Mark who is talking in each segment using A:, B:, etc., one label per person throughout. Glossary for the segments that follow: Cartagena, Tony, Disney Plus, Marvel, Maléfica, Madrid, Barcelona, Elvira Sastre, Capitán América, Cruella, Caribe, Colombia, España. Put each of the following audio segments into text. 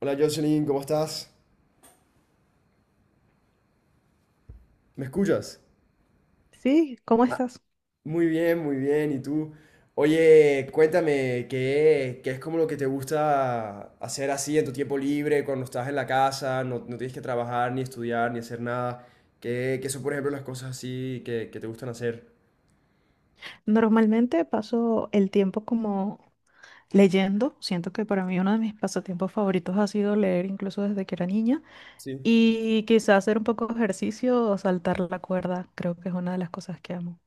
A: Hola Jocelyn, ¿cómo estás? ¿Me escuchas?
B: Sí, ¿cómo estás?
A: Muy bien, muy bien. ¿Y tú? Oye, cuéntame, ¿qué es como lo que te gusta hacer así en tu tiempo libre, cuando estás en la casa, no tienes que trabajar, ni estudiar, ni hacer nada? ¿Qué son, por ejemplo, las cosas así que te gustan hacer?
B: Normalmente paso el tiempo como leyendo. Siento que para mí uno de mis pasatiempos favoritos ha sido leer incluso desde que era niña.
A: Sí.
B: Y quizá hacer un poco de ejercicio o saltar la cuerda, creo que es una de las cosas que amo.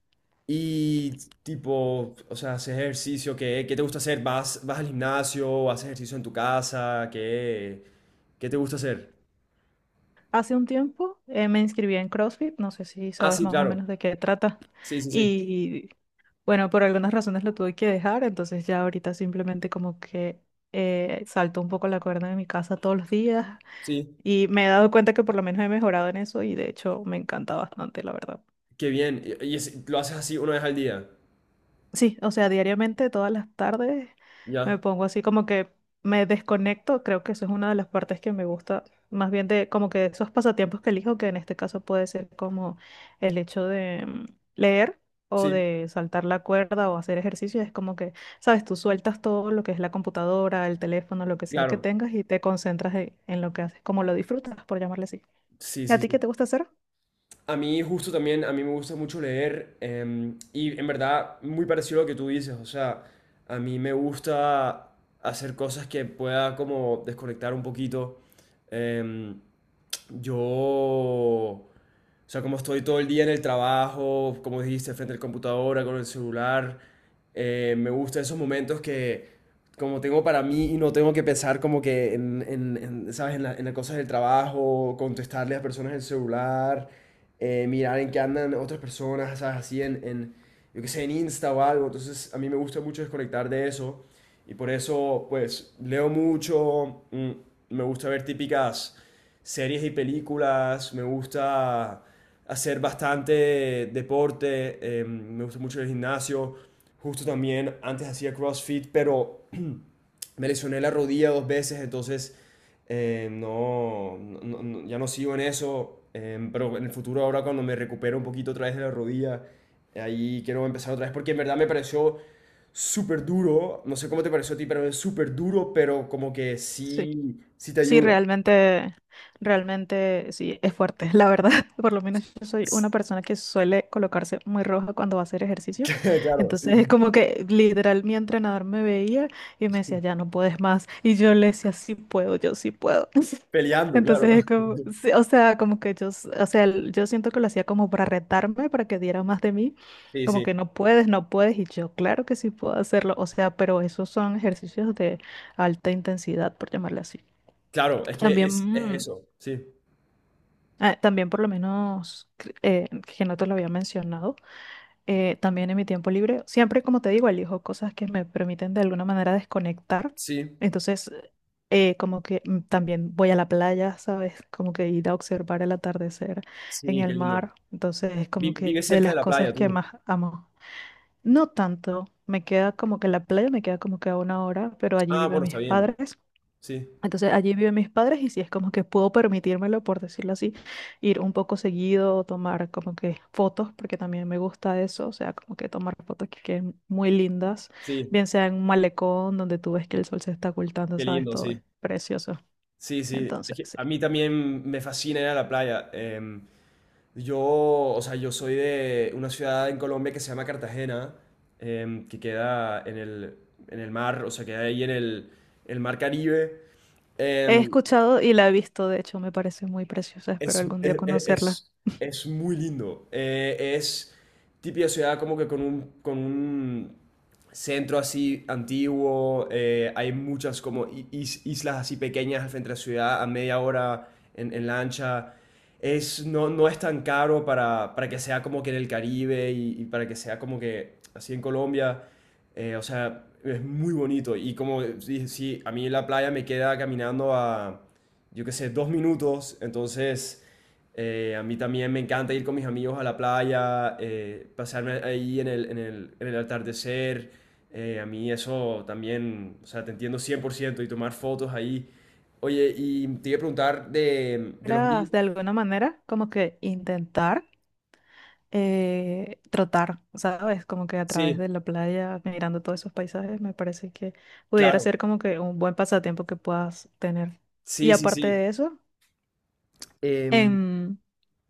A: Y tipo, o sea, haces ejercicio, ¿qué te gusta hacer? ¿Vas al gimnasio? ¿Haces ejercicio en tu casa? ¿Qué te gusta hacer?
B: Hace un tiempo me inscribí en CrossFit, no sé si
A: Ah,
B: sabes
A: sí,
B: más o
A: claro.
B: menos de qué trata.
A: Sí, sí, sí.
B: Y bueno, por algunas razones lo tuve que dejar, entonces ya ahorita simplemente como que salto un poco la cuerda de mi casa todos los días.
A: Sí.
B: Y me he dado cuenta que por lo menos he mejorado en eso y de hecho me encanta bastante, la verdad.
A: Qué bien. Y lo haces así una vez al día.
B: Sí, o sea, diariamente, todas las tardes, me
A: ¿Ya?
B: pongo así como que me desconecto. Creo que eso es una de las partes que me gusta, más bien de como que esos pasatiempos que elijo, que en este caso puede ser como el hecho de leer o
A: Sí,
B: de saltar la cuerda o hacer ejercicio. Es como que, sabes, tú sueltas todo lo que es la computadora, el teléfono, lo que sea que
A: claro.
B: tengas y te concentras en lo que haces, como lo disfrutas, por llamarle así.
A: Sí,
B: ¿Y a
A: sí,
B: ti qué
A: sí.
B: te gusta hacer?
A: A mí justo también, a mí me gusta mucho leer y en verdad muy parecido a lo que tú dices. O sea, a mí me gusta hacer cosas que pueda como desconectar un poquito. Em, yo... O sea, como estoy todo el día en el trabajo, como dijiste, frente al computadora, con el celular, me gustan esos momentos que como tengo para mí y no tengo que pensar como que en, ¿sabes? En las cosas del trabajo, contestarle a personas en el celular, mirar en qué andan otras personas, ¿sabes? Así en, yo qué sé, en Insta o algo. Entonces, a mí me gusta mucho desconectar de eso. Y por eso, pues, leo mucho, me gusta ver típicas series y películas, me gusta hacer bastante deporte, me gusta mucho el gimnasio, justo también antes hacía CrossFit, pero me lesioné la rodilla dos veces, entonces no, ya no sigo en eso, pero en el futuro ahora cuando me recupero un poquito otra vez de la rodilla, ahí quiero empezar otra vez, porque en verdad me pareció súper duro, no sé cómo te pareció a ti, pero es súper duro, pero como que
B: Sí.
A: sí, sí te
B: Sí,
A: ayuda.
B: realmente, realmente sí, es fuerte, la verdad. Por lo menos yo soy una
A: Es-
B: persona que suele colocarse muy roja cuando va a hacer ejercicio.
A: Claro,
B: Entonces es
A: sí.
B: como que literal mi entrenador me veía y me decía, ya no puedes más. Y yo le decía, sí puedo, yo sí puedo.
A: Peleando,
B: Entonces
A: claro.
B: es como, sí, o sea, como que yo, o sea, yo siento que lo hacía como para retarme, para que diera más de mí.
A: Sí,
B: Como
A: sí.
B: que no puedes, no puedes. Y yo, claro que sí puedo hacerlo. O sea, pero esos son ejercicios de alta intensidad, por llamarle así.
A: Claro, es que
B: También,
A: es eso. Sí,
B: también por lo menos, que no te lo había mencionado, también en mi tiempo libre, siempre como te digo, elijo cosas que me permiten de alguna manera desconectar.
A: sí,
B: Entonces, como que también voy a la playa, ¿sabes? Como que ir a observar el atardecer en
A: sí, qué
B: el
A: lindo.
B: mar. Entonces, es como que
A: Vives
B: de
A: cerca
B: las
A: de la playa
B: cosas que
A: tú.
B: más amo. No tanto, me queda como que la playa me queda como que a una hora, pero allí
A: Ah,
B: viven
A: bueno, está
B: mis
A: bien.
B: padres.
A: Sí,
B: Entonces allí viven mis padres y sí es como que puedo permitírmelo, por decirlo así, ir un poco seguido, tomar como que fotos, porque también me gusta eso, o sea, como que tomar fotos que queden muy lindas,
A: sí,
B: bien sea en un malecón donde tú ves que el sol se está ocultando,
A: qué
B: sabes,
A: lindo,
B: todo es
A: sí.
B: precioso.
A: Sí, sí. Es
B: Entonces,
A: que
B: sí.
A: a mí también me fascina ir a la playa. Yo, o sea, yo soy de una ciudad en Colombia que se llama Cartagena, que queda en el mar, o sea, queda ahí en el mar Caribe.
B: He
A: Em,
B: escuchado y la he visto, de hecho, me parece muy preciosa, espero
A: Es,
B: algún
A: es,
B: día conocerla.
A: es- es muy lindo. Es típica ciudad como que con un centro así antiguo. Hay muchas como islas así pequeñas al frente de la ciudad a media hora en lancha. Es, no, no es tan caro para que sea como que en el Caribe y para que sea como que así en Colombia. O sea, es muy bonito. Y como dije, sí, a mí la playa me queda caminando a yo qué sé, dos minutos. Entonces, a mí también me encanta ir con mis amigos a la playa, pasarme ahí en el, en el, en el atardecer. A mí eso también, o sea, te entiendo 100% y tomar fotos ahí. Oye, y te iba a preguntar de los
B: ¿Era
A: libros.
B: de alguna manera como que intentar trotar, sabes? Como que a través
A: Sí,
B: de la playa, mirando todos esos paisajes, me parece que pudiera
A: claro.
B: ser como que un buen pasatiempo que puedas tener. Y
A: Sí, sí,
B: aparte
A: sí.
B: de eso,
A: Em,
B: en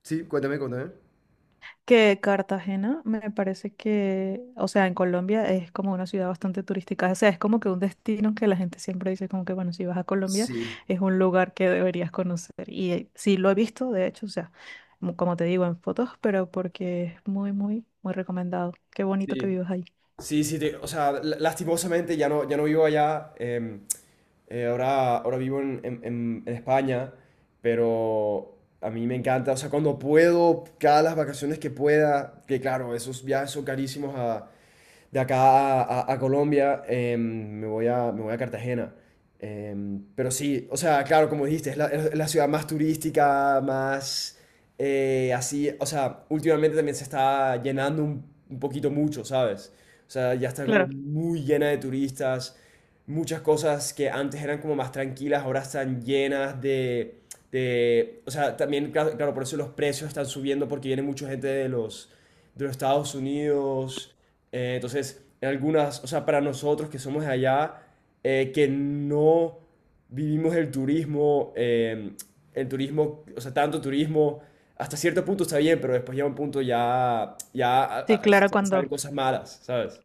A: Sí, cuéntame, cuéntame.
B: que Cartagena me parece que, o sea, en Colombia es como una ciudad bastante turística, o sea, es como que un destino que la gente siempre dice como que, bueno, si vas a Colombia
A: Sí,
B: es un lugar que deberías conocer. Y sí lo he visto, de hecho, o sea, como te digo, en fotos, pero porque es muy, muy, muy recomendado. Qué bonito que
A: sí,
B: vivas ahí.
A: sí, sí, o sea, lastimosamente ya no, ya no vivo allá, ahora, ahora vivo en, en España, pero a mí me encanta, o sea, cuando puedo, cada las vacaciones que pueda, que claro, esos viajes son carísimos a, de acá a, a Colombia, me voy a Cartagena. Pero sí, o sea, claro, como dijiste, es la ciudad más turística, más así, o sea, últimamente también se está llenando un poquito mucho, ¿sabes? O sea, ya está como
B: Claro,
A: muy llena de turistas, muchas cosas que antes eran como más tranquilas, ahora están llenas de... o sea, también, claro, claro, por eso los precios están subiendo porque viene mucha gente de los Estados Unidos. Entonces, en algunas, o sea, para nosotros que somos de allá, que no vivimos el turismo, o sea, tanto turismo, hasta cierto punto está bien, pero después llega un punto ya, ya a-
B: sí,
A: a-
B: claro,
A: sa- salen
B: cuando,
A: cosas malas, ¿sabes?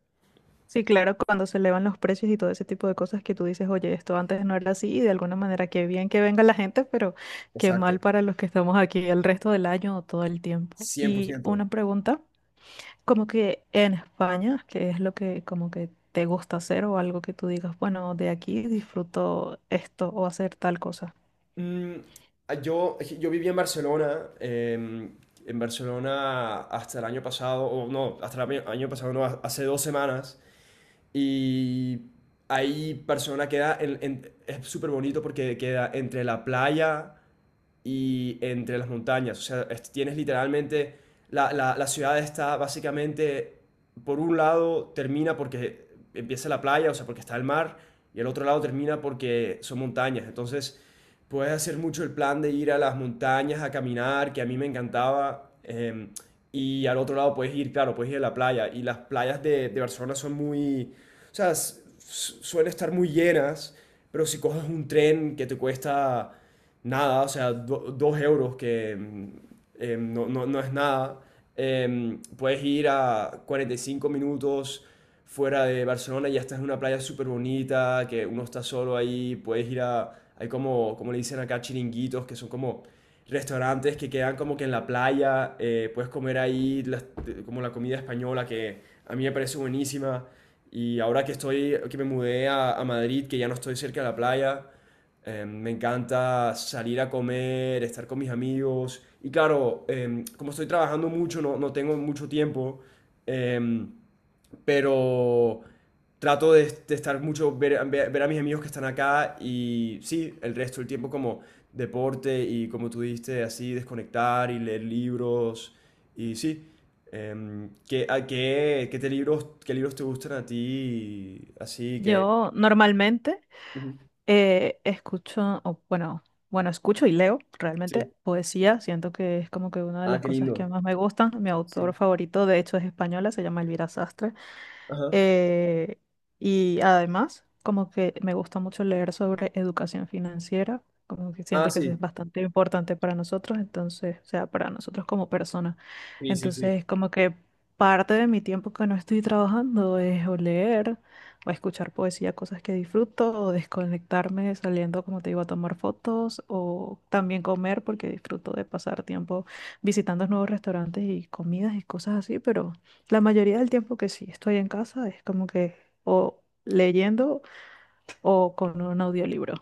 B: sí, claro, cuando se elevan los precios y todo ese tipo de cosas que tú dices, oye, esto antes no era así, y de alguna manera qué bien que venga la gente, pero qué mal
A: Exacto,
B: para los que estamos aquí el resto del año o todo el tiempo. Y
A: 100%.
B: una pregunta, como que en España, ¿qué es lo que como que te gusta hacer o algo que tú digas, bueno, de aquí disfruto esto o hacer tal cosa?
A: Mm, yo, yo viví en Barcelona, en Barcelona hasta el año pasado, o no, hasta el año pasado, no, hace dos semanas. Y ahí Barcelona queda, es súper bonito porque queda entre la playa y entre las montañas. O sea, tienes literalmente, la, la ciudad está básicamente, por un lado termina porque empieza la playa, o sea, porque está el mar, y el otro lado termina porque son montañas. Entonces, puedes hacer mucho el plan de ir a las montañas a caminar, que a mí me encantaba. Y al otro lado puedes ir, claro, puedes ir a la playa. Y las playas de Barcelona son muy, o sea, suelen estar muy llenas, pero si coges un tren que te cuesta nada, o sea, dos euros que no, no es nada. Puedes ir a 45 minutos fuera de Barcelona y ya estás en una playa súper bonita, que uno está solo ahí, puedes ir a, hay como, como le dicen acá, chiringuitos, que son como restaurantes que quedan como que en la playa, puedes comer ahí como la comida española, que a mí me parece buenísima. Y ahora que estoy, que me mudé a Madrid, que ya no estoy cerca de la playa, me encanta salir a comer, estar con mis amigos. Y claro, como estoy trabajando mucho, no, no tengo mucho tiempo, eh, pero trato de estar mucho, ver, ver a mis amigos que están acá y sí, el resto del tiempo como deporte y como tú dijiste, así desconectar y leer libros. Y sí, ¿qué, qué libros te gustan a ti? Así que...
B: Yo normalmente
A: Ujú,
B: Escucho, o bueno, escucho y leo realmente
A: sí.
B: poesía. Siento que es como que una de
A: Ah,
B: las
A: qué
B: cosas que
A: lindo.
B: más me gustan. Mi autor
A: Sí.
B: favorito, de hecho, es española, se llama Elvira Sastre.
A: Ajá.
B: Eh, y además, como que me gusta mucho leer sobre educación financiera, como que
A: Ah,
B: siento que eso es
A: sí.
B: bastante importante para nosotros, entonces, o sea, para nosotros como personas.
A: Sí, sí, sí.
B: Entonces, como que parte de mi tiempo que no estoy trabajando es o leer, o escuchar poesía, cosas que disfruto, o desconectarme saliendo, como te digo, a tomar fotos, o también comer, porque disfruto de pasar tiempo visitando nuevos restaurantes y comidas y cosas así, pero... La mayoría del tiempo que sí estoy en casa es como que o leyendo o con un audiolibro.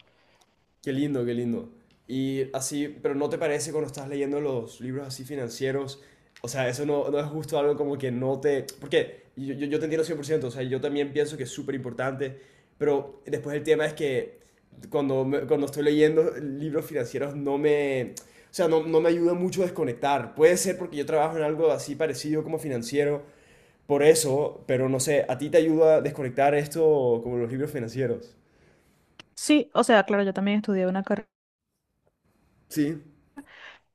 A: Qué lindo, qué lindo. Y así, pero ¿no te parece cuando estás leyendo los libros así financieros? O sea, eso no, no es justo algo como que no te... Porque yo te entiendo cien por ciento, o sea, yo también pienso que es súper importante, pero después el tema es que cuando, cuando estoy leyendo libros financieros no me... O sea, no, no me ayuda mucho a desconectar. Puede ser porque yo trabajo en algo así parecido como financiero, por eso, pero no sé, ¿a ti te ayuda a desconectar esto como los libros financieros?
B: Sí, o sea, claro, yo también estudié una carrera.
A: Sí,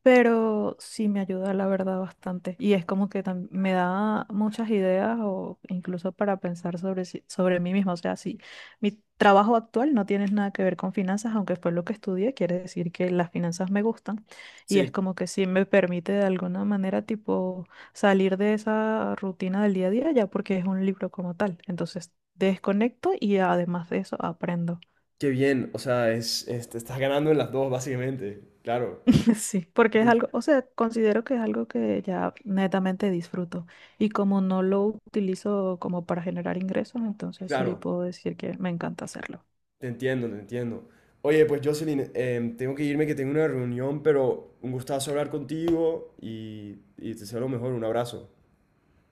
B: Pero sí me ayuda, la verdad, bastante. Y es como que me da muchas ideas o incluso para pensar sobre, sobre mí misma. O sea, si mi trabajo actual no tiene nada que ver con finanzas, aunque fue lo que estudié, quiere decir que las finanzas me gustan. Y es
A: sí.
B: como que sí me permite de alguna manera, tipo, salir de esa rutina del día a día ya porque es un libro como tal. Entonces, desconecto y además de eso, aprendo.
A: Qué bien. O sea, te estás ganando en las dos, básicamente. Claro,
B: Sí, porque es
A: sí,
B: algo, o sea, considero que es algo que ya netamente disfruto. Y como no lo utilizo como para generar ingresos, entonces sí
A: claro.
B: puedo decir que me encanta hacerlo.
A: Te entiendo, te entiendo. Oye, pues Jocelyn, tengo que irme, que tengo una reunión, pero un gustazo hablar contigo y te deseo lo mejor. Un abrazo.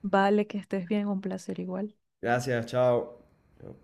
B: Vale, que estés bien, un placer igual.
A: Gracias, chao. Chao.